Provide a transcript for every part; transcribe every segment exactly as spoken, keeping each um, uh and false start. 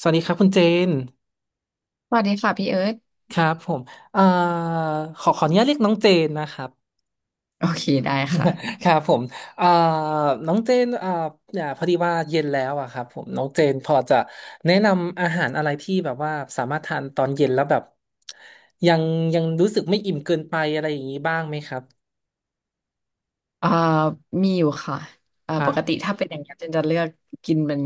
สวัสดีครับคุณเจนสวัสดีค่ะพี่เอิร์ธครับผมเอ่อขอขออนุญาตเรียกน้องเจนนะครับ โอเคได้ค่ะ ครับผมเอ่อน้องเจนเอ่อเนี่ยพอดีว่าเย็นแล้วอะครับผมน้องเจนพอจะแนะนำอาหารอะไรที่แบบว่าสามารถทานตอนเย็นแล้วแบบยังยังรู้สึกไม่อิ่มเกินไปอะไรอย่างนี้บ้างไหมครับเอ่อมีอยู่ค่ะเอ่อครัปบกติถ้าเป็นอย่างเงี้ยเจนจะเลือกกินเป็น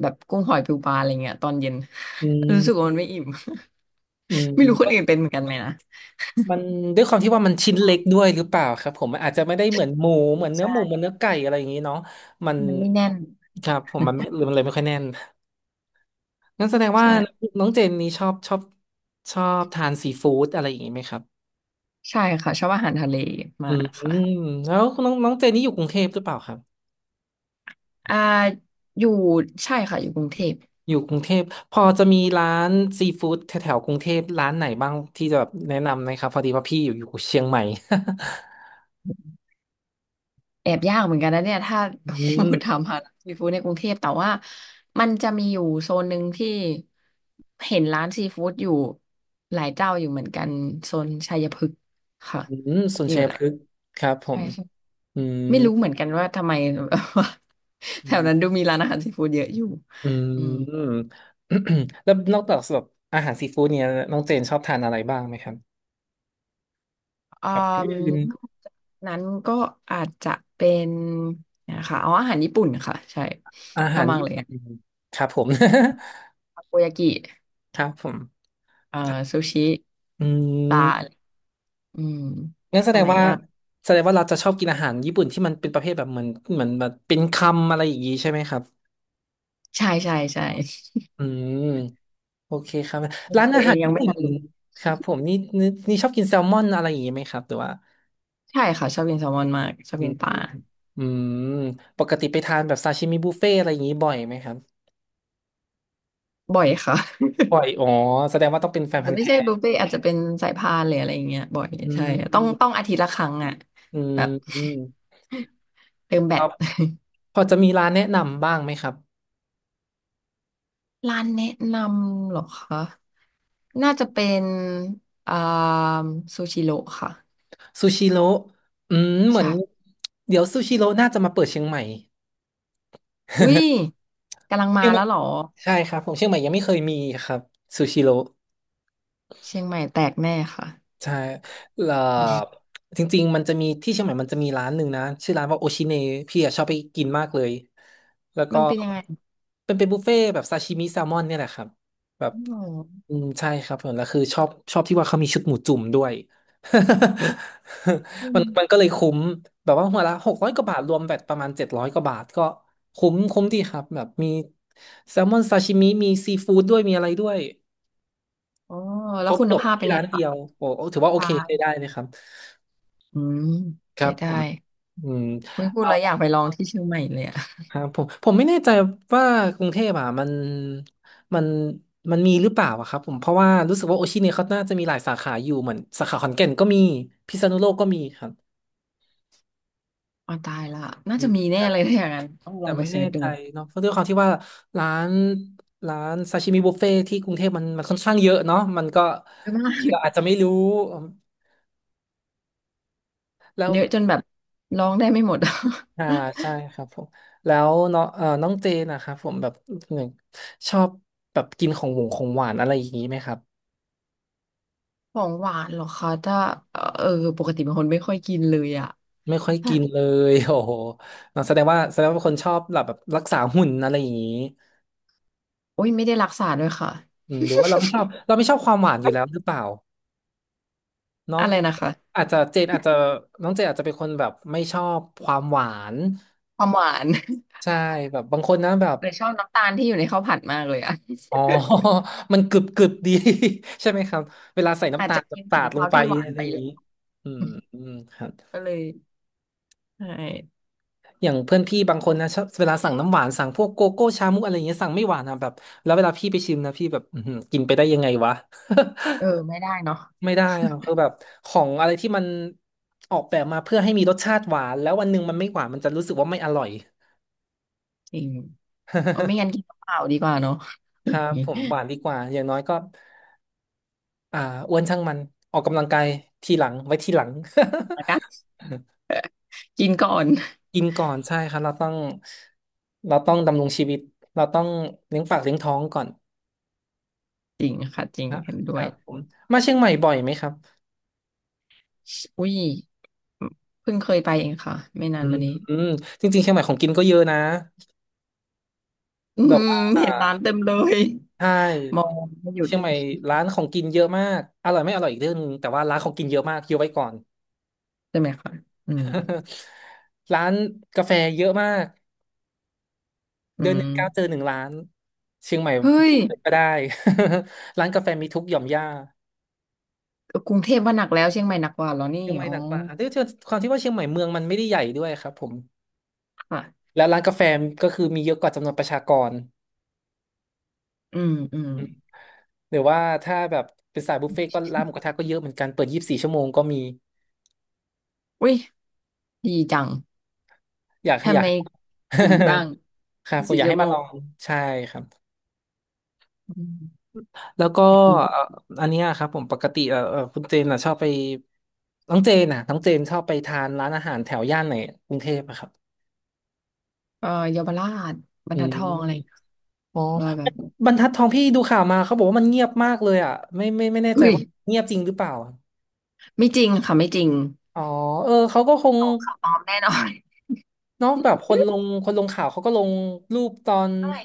แบบกุ้งหอยปูปลาอะไรเงี้ยตอนเย็น อืม รู้สึกว่ามันไม่อิ่ม อืม ไม่รู้คก็นอื่นเป็นเหมือนกันไหมนะมันด้วยความที่ว่ามันชิ้นเล็กด้วยหรือเปล่าครับผมมันอาจจะไม่ได้เหมือนหมูเหมือนเนื้อใช่หมูเหมือนเนื้อไก่อะไรอย่างนี้เนาะมันมันไม่แน่นครับผมมันไม่หรือมันเลยไม่ค่อยแน่น งั้นแสดงว่าใช่น้องเจนนี่ชอบชอบชอบทานซีฟู้ดอะไรอย่างนี้ไหมครับใช่ค่ะชอบอาหารทะเลอืมามกค่ะแล้วน้องน้องเจนนี่อยู่กรุงเทพหรือเปล่าครับอ่าอยู่ใช่ค่ะอยู่กรุงเทพ อยู่กรุงเทพพอจะมีร้านซีฟู้ดแถวๆกรุงเทพร้านไหนบ้างที่จะแบบแนะนำไหมครับพอดีว่าพี่อยู่อยู่เชียงใหม่ แอบยากเหมือนกันนะเนี่ยถ้า อืม ถามหาซีฟู้ดในกรุงเทพแต่ว่ามันจะมีอยู่โซนหนึ่งที่เห็นร้านซีฟู้ดอยู่หลายเจ้าอยู่เหมือนกันโซนชัยพฤกษ์ค่ะอืมสุนมีทอรียู่ยหพลายฤกษ์ครับผใช่มใช่อืมไม่รู้เหมือนกันว่าทำไม อืแถวนั้นดูมมีร้านอาหารซีฟู้ดเยอะอยู่อือืมม แล้วนอกจากแบบอาหารซีฟู้ดเนี่ยน้องเจนชอบทานอะไรบ้างไหมครับอืแบบอื่นมนั้นก็อาจจะเป็นนะคะเอาอาหารญี่ปุ่นค่ะใช่อาชอหาบรมากญี่เลยปุ่อะนครับผม ทาโกยากิครับผมเอ่อซูชิอืปลา มอืมงั้นแสดอะงไรว่ายากแสดงว่าเราจะชอบกินอาหารญี่ปุ่นที่มันเป็นประเภทแบบเหมือนเหมือนแบบเป็นคำอะไรอย่างนี้ใช่ไหมครับใช่ใช่ใช่อืมโอเคครับร้านตัอาวเอหางรยังญี่ไม่ปุ่น ทันรู้ครับผมนี่นี่นี่ชอบกินแซลมอนอะไรอย่างนี้ไหมครับหรือว่าใช่ค่ะชอบกินแซลมอนมากชอบอืกิมนปลาอืมปกติไปทานแบบซาชิมิบุฟเฟ่อะไรอย่างนี้บ่อยไหมครับบ่อยค่ะ บ่อยอ๋อแสดงว่าต้องเป็นแฟ อานจพัจะนธุ์ไม่แท้ใช่บุฟเฟ่ต์อาจจะเป็นสายพานหรืออะไรอย่างเงี้ยบ่อยอืใช่ต้องมต้องอาทิตย์ละครั้งอ่ะอืมแบบ อืม เติมแบคต รับ พอจะมีร้านแนะนำบ้างไหมครับ ร้านแนะนำเหรอคะน่าจะเป็นอ่าซูชิโร่ค่ะซูชิโร่อืมเหมือใช่นเดี๋ยวซูชิโร่น่าจะมาเปิดเชียงใหม่ อุ้ย กำลังเชีมายงใหม่แล้วเหรอใช่ครับผมเชียงใหม่ยังไม่เคยมีครับซูชิโร่ เชียงใหม่แตกแน่ค่ะ ใช่เอ่อจริงๆมันจะมีที่เชียงใหม่มันจะมีร้านหนึ่งนะชื่อร้านว่าโอชิเนพี่อะชอบไปกินมากเลยแล้ว ก็มันเป็นยังไงเป็นเป็นบุฟเฟ่ต์แบบซาชิมิแซลมอนเนี่ยแหละครับแบบอ๋ออืมใช่ครับผมแล้วคือชอบชอบที่ว่าเขามีชุดหมูจุ่มด้วย อื มัม นมันก็เลยคุ้มแบบว่าหัวละหกร้อยกว่าบาทรวมแบบประมาณเจ็ดร้อยกว่าบาทก็คุ้มคุ้มดีครับแบบมีแซลมอนซาชิมิมีซีฟู้ดด้วยมีอะไรด้วยอ๋อคแล้รวบคุจณบภาพเป็ที่นไงร้านเดีคะยวโอ้โอ้ถือว่าโอตาเคใช้ได้เลยครับ อืมครัเจ๊บผได้มอืมไม่พูด่แล้วอยากไปลองที่เชียงใหม่เลยอะ ครับผมผมไม่แน่ใจว่ากรุงเทพอ่ะมันมันมันมีหรือเปล่าอะครับผมเพราะว่ารู้สึกว่าโอชิเนี่ยเขาน่าจะมีหลายสาขาอยู่เหมือนสาขาขอนแก่นก็มีพิษณุโลกก็มีครับ อ๋อตายละน่าอืจะมีมแน่เลยถ้าอย่างนั้นต้องลแต่องไปไม่เสิแน่ร์ชดูใจเนาะเพราะด้วยความที่ว่าร้านร้านซาชิมิบุฟเฟ่ที่กรุงเทพมันมันค่อนข้างเยอะเนาะมันก็เยอะมาบางทีเรากอาจจะไม่รู้แล้ว เยอะจนแบบลองได้ไม่หมด อ่าใช่ ครับผมแล้วเนาะเอ่อน้องเจนนะครับผมแบบหนึ่งชอบแบบกินของหวงของหวานอะไรอย่างนี้ไหมครับของหวานเหรอคะถ้าเออเออปกติเป็นคนไม่ค่อยกินเลยอะไม่ค่อยแบกิบนเลย โอ้โหแสดงว่าแสดงว่าเป็นคนชอบแบบแบบรักษาหุ่นอะไรอย่างนี้โอ้ยไม่ได้รักษาด้วยค่ะอืมหรือว่าเราไม่ชอบเราไม่ชอบความหวานอยู่แล้วหรือเปล่าเนาะอะไรนะคะอาจจะเจนอาจจะน้องเจนอาจจะเป็นคนแบบไม่ชอบความหวานความหวาน ใช่แบบบางคนนะแบบ เลยชอบน้ำตาลที่อยู่ในข้าวผัดมากเลยอะ อ๋อ มันกรึบกรึบดี ใช่ไหมครับเวลาใส่อาน้ำจตาจะลแบบกินขสาองดลเขางไปที่หวานอะไรไปอย่างเลย นี้อืมอืมครับ ก็เลยใช่อย่างเพื่อนพี่บางคนนะชอบเวลาสั่งน้ำหวานสั่งพวกโกโก้ชามุกอะไรอย่างเงี้ยสั่งไม่หวานนะแบบแล้วเวลาพี่ไปชิมนะพี่แบบอื้อหือกินไปได้ยังไงวะ เออไม่ได้เนาะ ไม่ได้อะคือแบบของอะไรที่มันออกแบบมาเพื่อให้มีรสชาติหวานแล้ววันหนึ่งมันไม่หวานมันจะรู้สึกว่าไม่อร่อย จริง เออไม่งั้นกินเปล่าดีกว่าเนาะ อครัย่างบนี้ผมหวานดีกว่าอย่างน้อยก็ อ่าอ้วนช่างมันออกกำลังกายทีหลังไว้ทีหลัง นะคะกินก่อน กินก่อนใช่ครับเราต้องเราต้องดำรงชีวิตเราต้องเลี้ยงปากเลี้ยงท้องก่อนจริงค่ะจริงนะเห็นด้ควรัยบผมมาเชียงใหม่บ่อยไหมครับอุ้ยเพิ่งเคยไปเองค่ะไม่นาอืนมมานี้อืมจริงๆเชียงใหม่ของกินก็เยอะนะอืแบบมว่าเห็นร้านเต็มเลยใช่มองไม่หยุดเชียงใหม่ร้านของกินเยอะมากอร่อยไม่อร่อยอีกเรื่องนึงแต่ว่าร้านของกินเยอะมากเยอะไว้ก่อน ใช่ไหมคะอืม ร้านกาแฟเยอะมาก อืเดือนหนึ่งก้าวเจอมหนึ่งร้านเชียงใหม่เฮ้ยก็ได้ ร้านกาแฟมีทุกหย่อมย่ากรุงเทพว่าหนักแล้วเชียงใหม่หนักกว่าเหรอนี่เชียงใหม่อ๋อหนักกว่าครับด้วยความที่ว่าเชียงใหม่เมืองมันไม่ได้ใหญ่ด้วยครับผมค่ะแล้วร้านกาแฟก็คือมีเยอะกว่าจำนวนประชากรอืมอืมหรือว่าถ้าแบบเป็นสายบุฟเฟ่ต์ก็ร้านหมูกระทะก็เยอะเหมือนกันเปิดยี่สิบสี่ชั่วโมงก็มีอุ้ยดีจังอยากให้อทำยาไมก กินบ้างครับผมสี่อยากชั่ให้วโมมาลงองใช่ครับอืมแล้วก็อยากกินเอ่ออันเนี้ยครับผมปกติเอ่อเอ่อคุณเจนอ่ะชอบไปน้องเจนน่ะน้องเจนชอบไปทานร้านอาหารแถวย่านไหนกรุงเทพอะครับเอ่อเยาวราชบรอืรทัดทองอะไรม อ๋อว่าแบบ บรรทัดทองพี่ดูข่าวมาเขาบอกว่ามันเงียบมากเลยอ่ะไม่ไม่ไม่แน่ใจอุ้ยว่าเงียบจริงหรือเปล่าอะไม่จริงค่ะไม่จริงอ๋อเออเขาก็คงข่าวปลอมแน่นอน เนาะแบบคนลงคนลงข่าวเขาก็ลงรูปตอนเท่าไหร่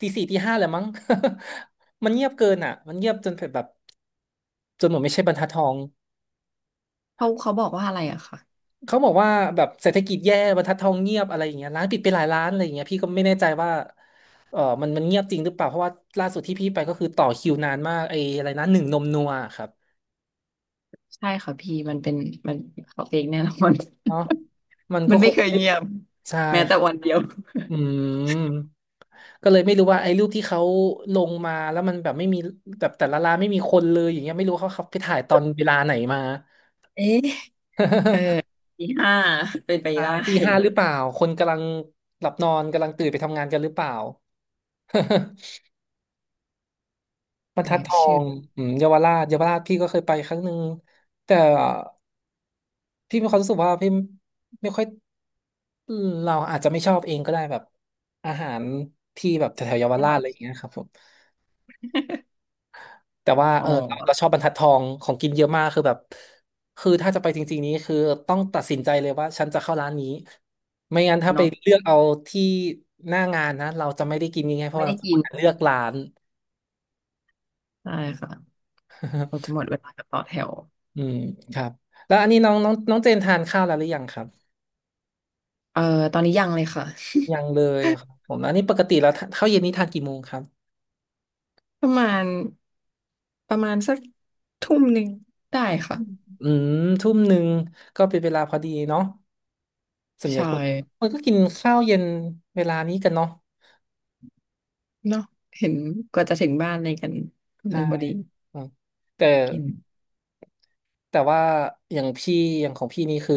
ตีสี่ตีห้าแหละมั้ง มันเงียบเกินอ่ะมันเงียบจนแบบจนเหมือนไม่ใช่บรรทัดทองเขาเขาบอกว่าอะไรอะค่ะเขาบอกว่าแบบเศรษฐกิจแย่บรรทัดทองเงียบอะไรอย่างเงี้ยร้านปิดไปหลายร้านอะไรอย่างเงี้ยพี่ก็ไม่แน่ใจว่าเออมันมันเงียบจริงหรือเปล่าเพราะว่าล่าสุดที่พี่ไปก็คือต่อคิวนานมากไอ้อะไรนะหนึ่งนมนัวครับใช่ค่ะพี่มันเป็นมันเขาเฟกแน่นอน เนาะมัน ก็มันคไม่ง เคยเงียบใช่แม้ครัแต่บวันเดียวอืมก็เลยไม่รู้ว่าไอ้รูปที่เขาลงมาแล้วมันแบบไม่มีแบบแต่ละร้านไม่มีคนเลยอย่างเงี้ยไม่รู้เขาเขาไปถ่ายตอนเวลาไหนมา เอ๊ะเออปีห้าเป็นไป ปได้ตีห้าหรือเปล่าคนกำลังหลับนอนกำลังตื่นไปทำงานกันหรือเปล่า บรรทัเนี่ดยทอชื่องอืมเยาวราชเยาวราชพี่ก็เคยไปครั้งหนึ่งแต่พี่มีความรู้สึกว่าพี่ไม่ค่อยเราอาจจะไม่ชอบเองก็ได้แบบอาหารที่แบบแถวๆเยาวแค่หราชน่ออะยไรอย่างเงี้ยครับผม แต่ว่าอ๋เอออเราเราชอบบรรทัดทองของกินเยอะมากคือแบบคือถ้าจะไปจริงๆนี้คือต้องตัดสินใจเลยว่าฉันจะเข้าร้านนี้ไม่งั้นถ้าไปเนาะเลือกเอาที่หน้างานนะเราจะไม่ได้กินง่ายๆเพราะไม่ว่าได้เราจะหมกินดเลือกร้าน ใช่ค่ะเราจะ หมดเวลากับต่อแถวอืมครับแล้วอันนี้น้องน้องน้องเจนทานข้าวแล้วหรือยังครับเออตอนนี้ยังเลยค่ะ ยังเลยครับผมแล้วนี่ปกติแล้วทานข้าวเย็นนี่ทานกี่โมงครับ ประมาณประมาณสักทุ่มหนึ่งได้ค่ะอืมทุ่มหนึ่งก็เป็นเวลาพอดีเนาะส่วนใหญ่ใช่ คนคนก็กินข้าวเย็นเวลานี้กันเนาะเนาะเห็นกว่าจะถึงบ้านอะไรกันหใช่นึ่งพอดีอืมแต่ กิน แต่ว่าอย่างพี่อย่างของพี่นี่คือ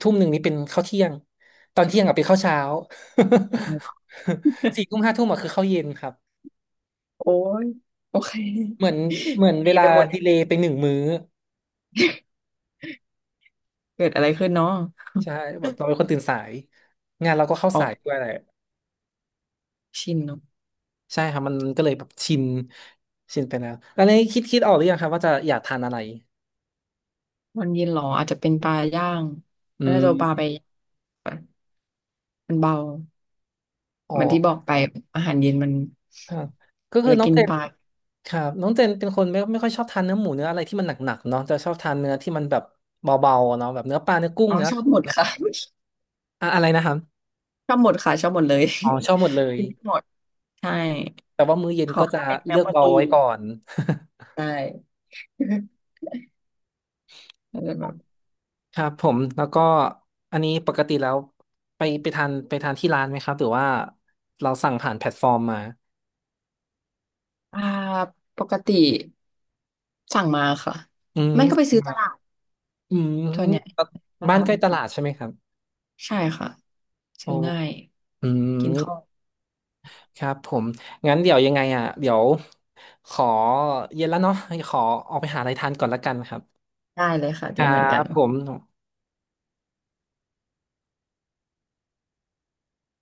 ทุ่มหนึ่งนี่เป็นข้าวเที่ยงตอนเที่ยงอะเป็นข้าวเช้า สี่ทุ่ มห้าทุ่มอะคือข้าวเย็นครับโอ้ยโอเคเหมือนเหมือนเวดีลาไปหมดเนี่ดียเลย์ไปหนึ่งมื้อเกิดอะไรขึ้นเนาะใช่แบบเราเป็นคนตื่นสายงานเราก็เข้าออสายกด้วยแหละชินเนาะใช่ครับมันก็เลยแบบชินชินไปแล้วแล้วนี้คิดคิดออกหรือยังครับว่าจะอยากทานอะไรวันเย็นเหรออาจจะเป็นปลาย่างอืน่าจะเอาปลาไปมย่างมันเบาอ๋อเหมือนที่บอกไปอาหารเย็นมันครับก็คือเราน้องกินเจน ปลาครับน้องเจนเป็นคนไม่ไม่ค่อยชอบทานเนื้อหมูเนื้ออะไรที่มันหนักๆเนาะจะชอบทานเนื้อที่มันแบบเบาๆเนาะแบบเนื้อปลาเนื้อกุ้งอ๋อเนื้ออะชไรอบอย่าหมงดเงี้ยค่ะ อะอะไรนะครับ ชอบหมดค่ะชอบหมดเลยอ๋อชอบหมดเลยกินไม่หมดใช่แต่ว่ามื้อเย็นขอก็จะแค่เป็นเนื้เลืออกโปรเบาตีไว้นก่อน ได้ อาจจะแบบ ครับผมแล้วก็อันนี้ปกติแล้วไปไปทานไปทานที่ร้านไหมครับหรือว่าเราสั่งผ่านแพลตฟอร์มมาอ่าปกติสั่งมาค่ะอืไม่ก็ไปมซื้อตลาดอืส่วนใหญ่มบ้าบ้านนใกล้ตลาดค่ะใช่ไหมครับใช่ค่ะโอ้ซื้อง่ายอืกินข้าม วครับผมงั้นเดี๋ยวยังไงอ่ะเดี๋ยวขอเย็นแล้วเนาะขอออกไปหาอะไรทานก่อนละกันครับได้เลยค่ะคเดรันเหมือนกับนผม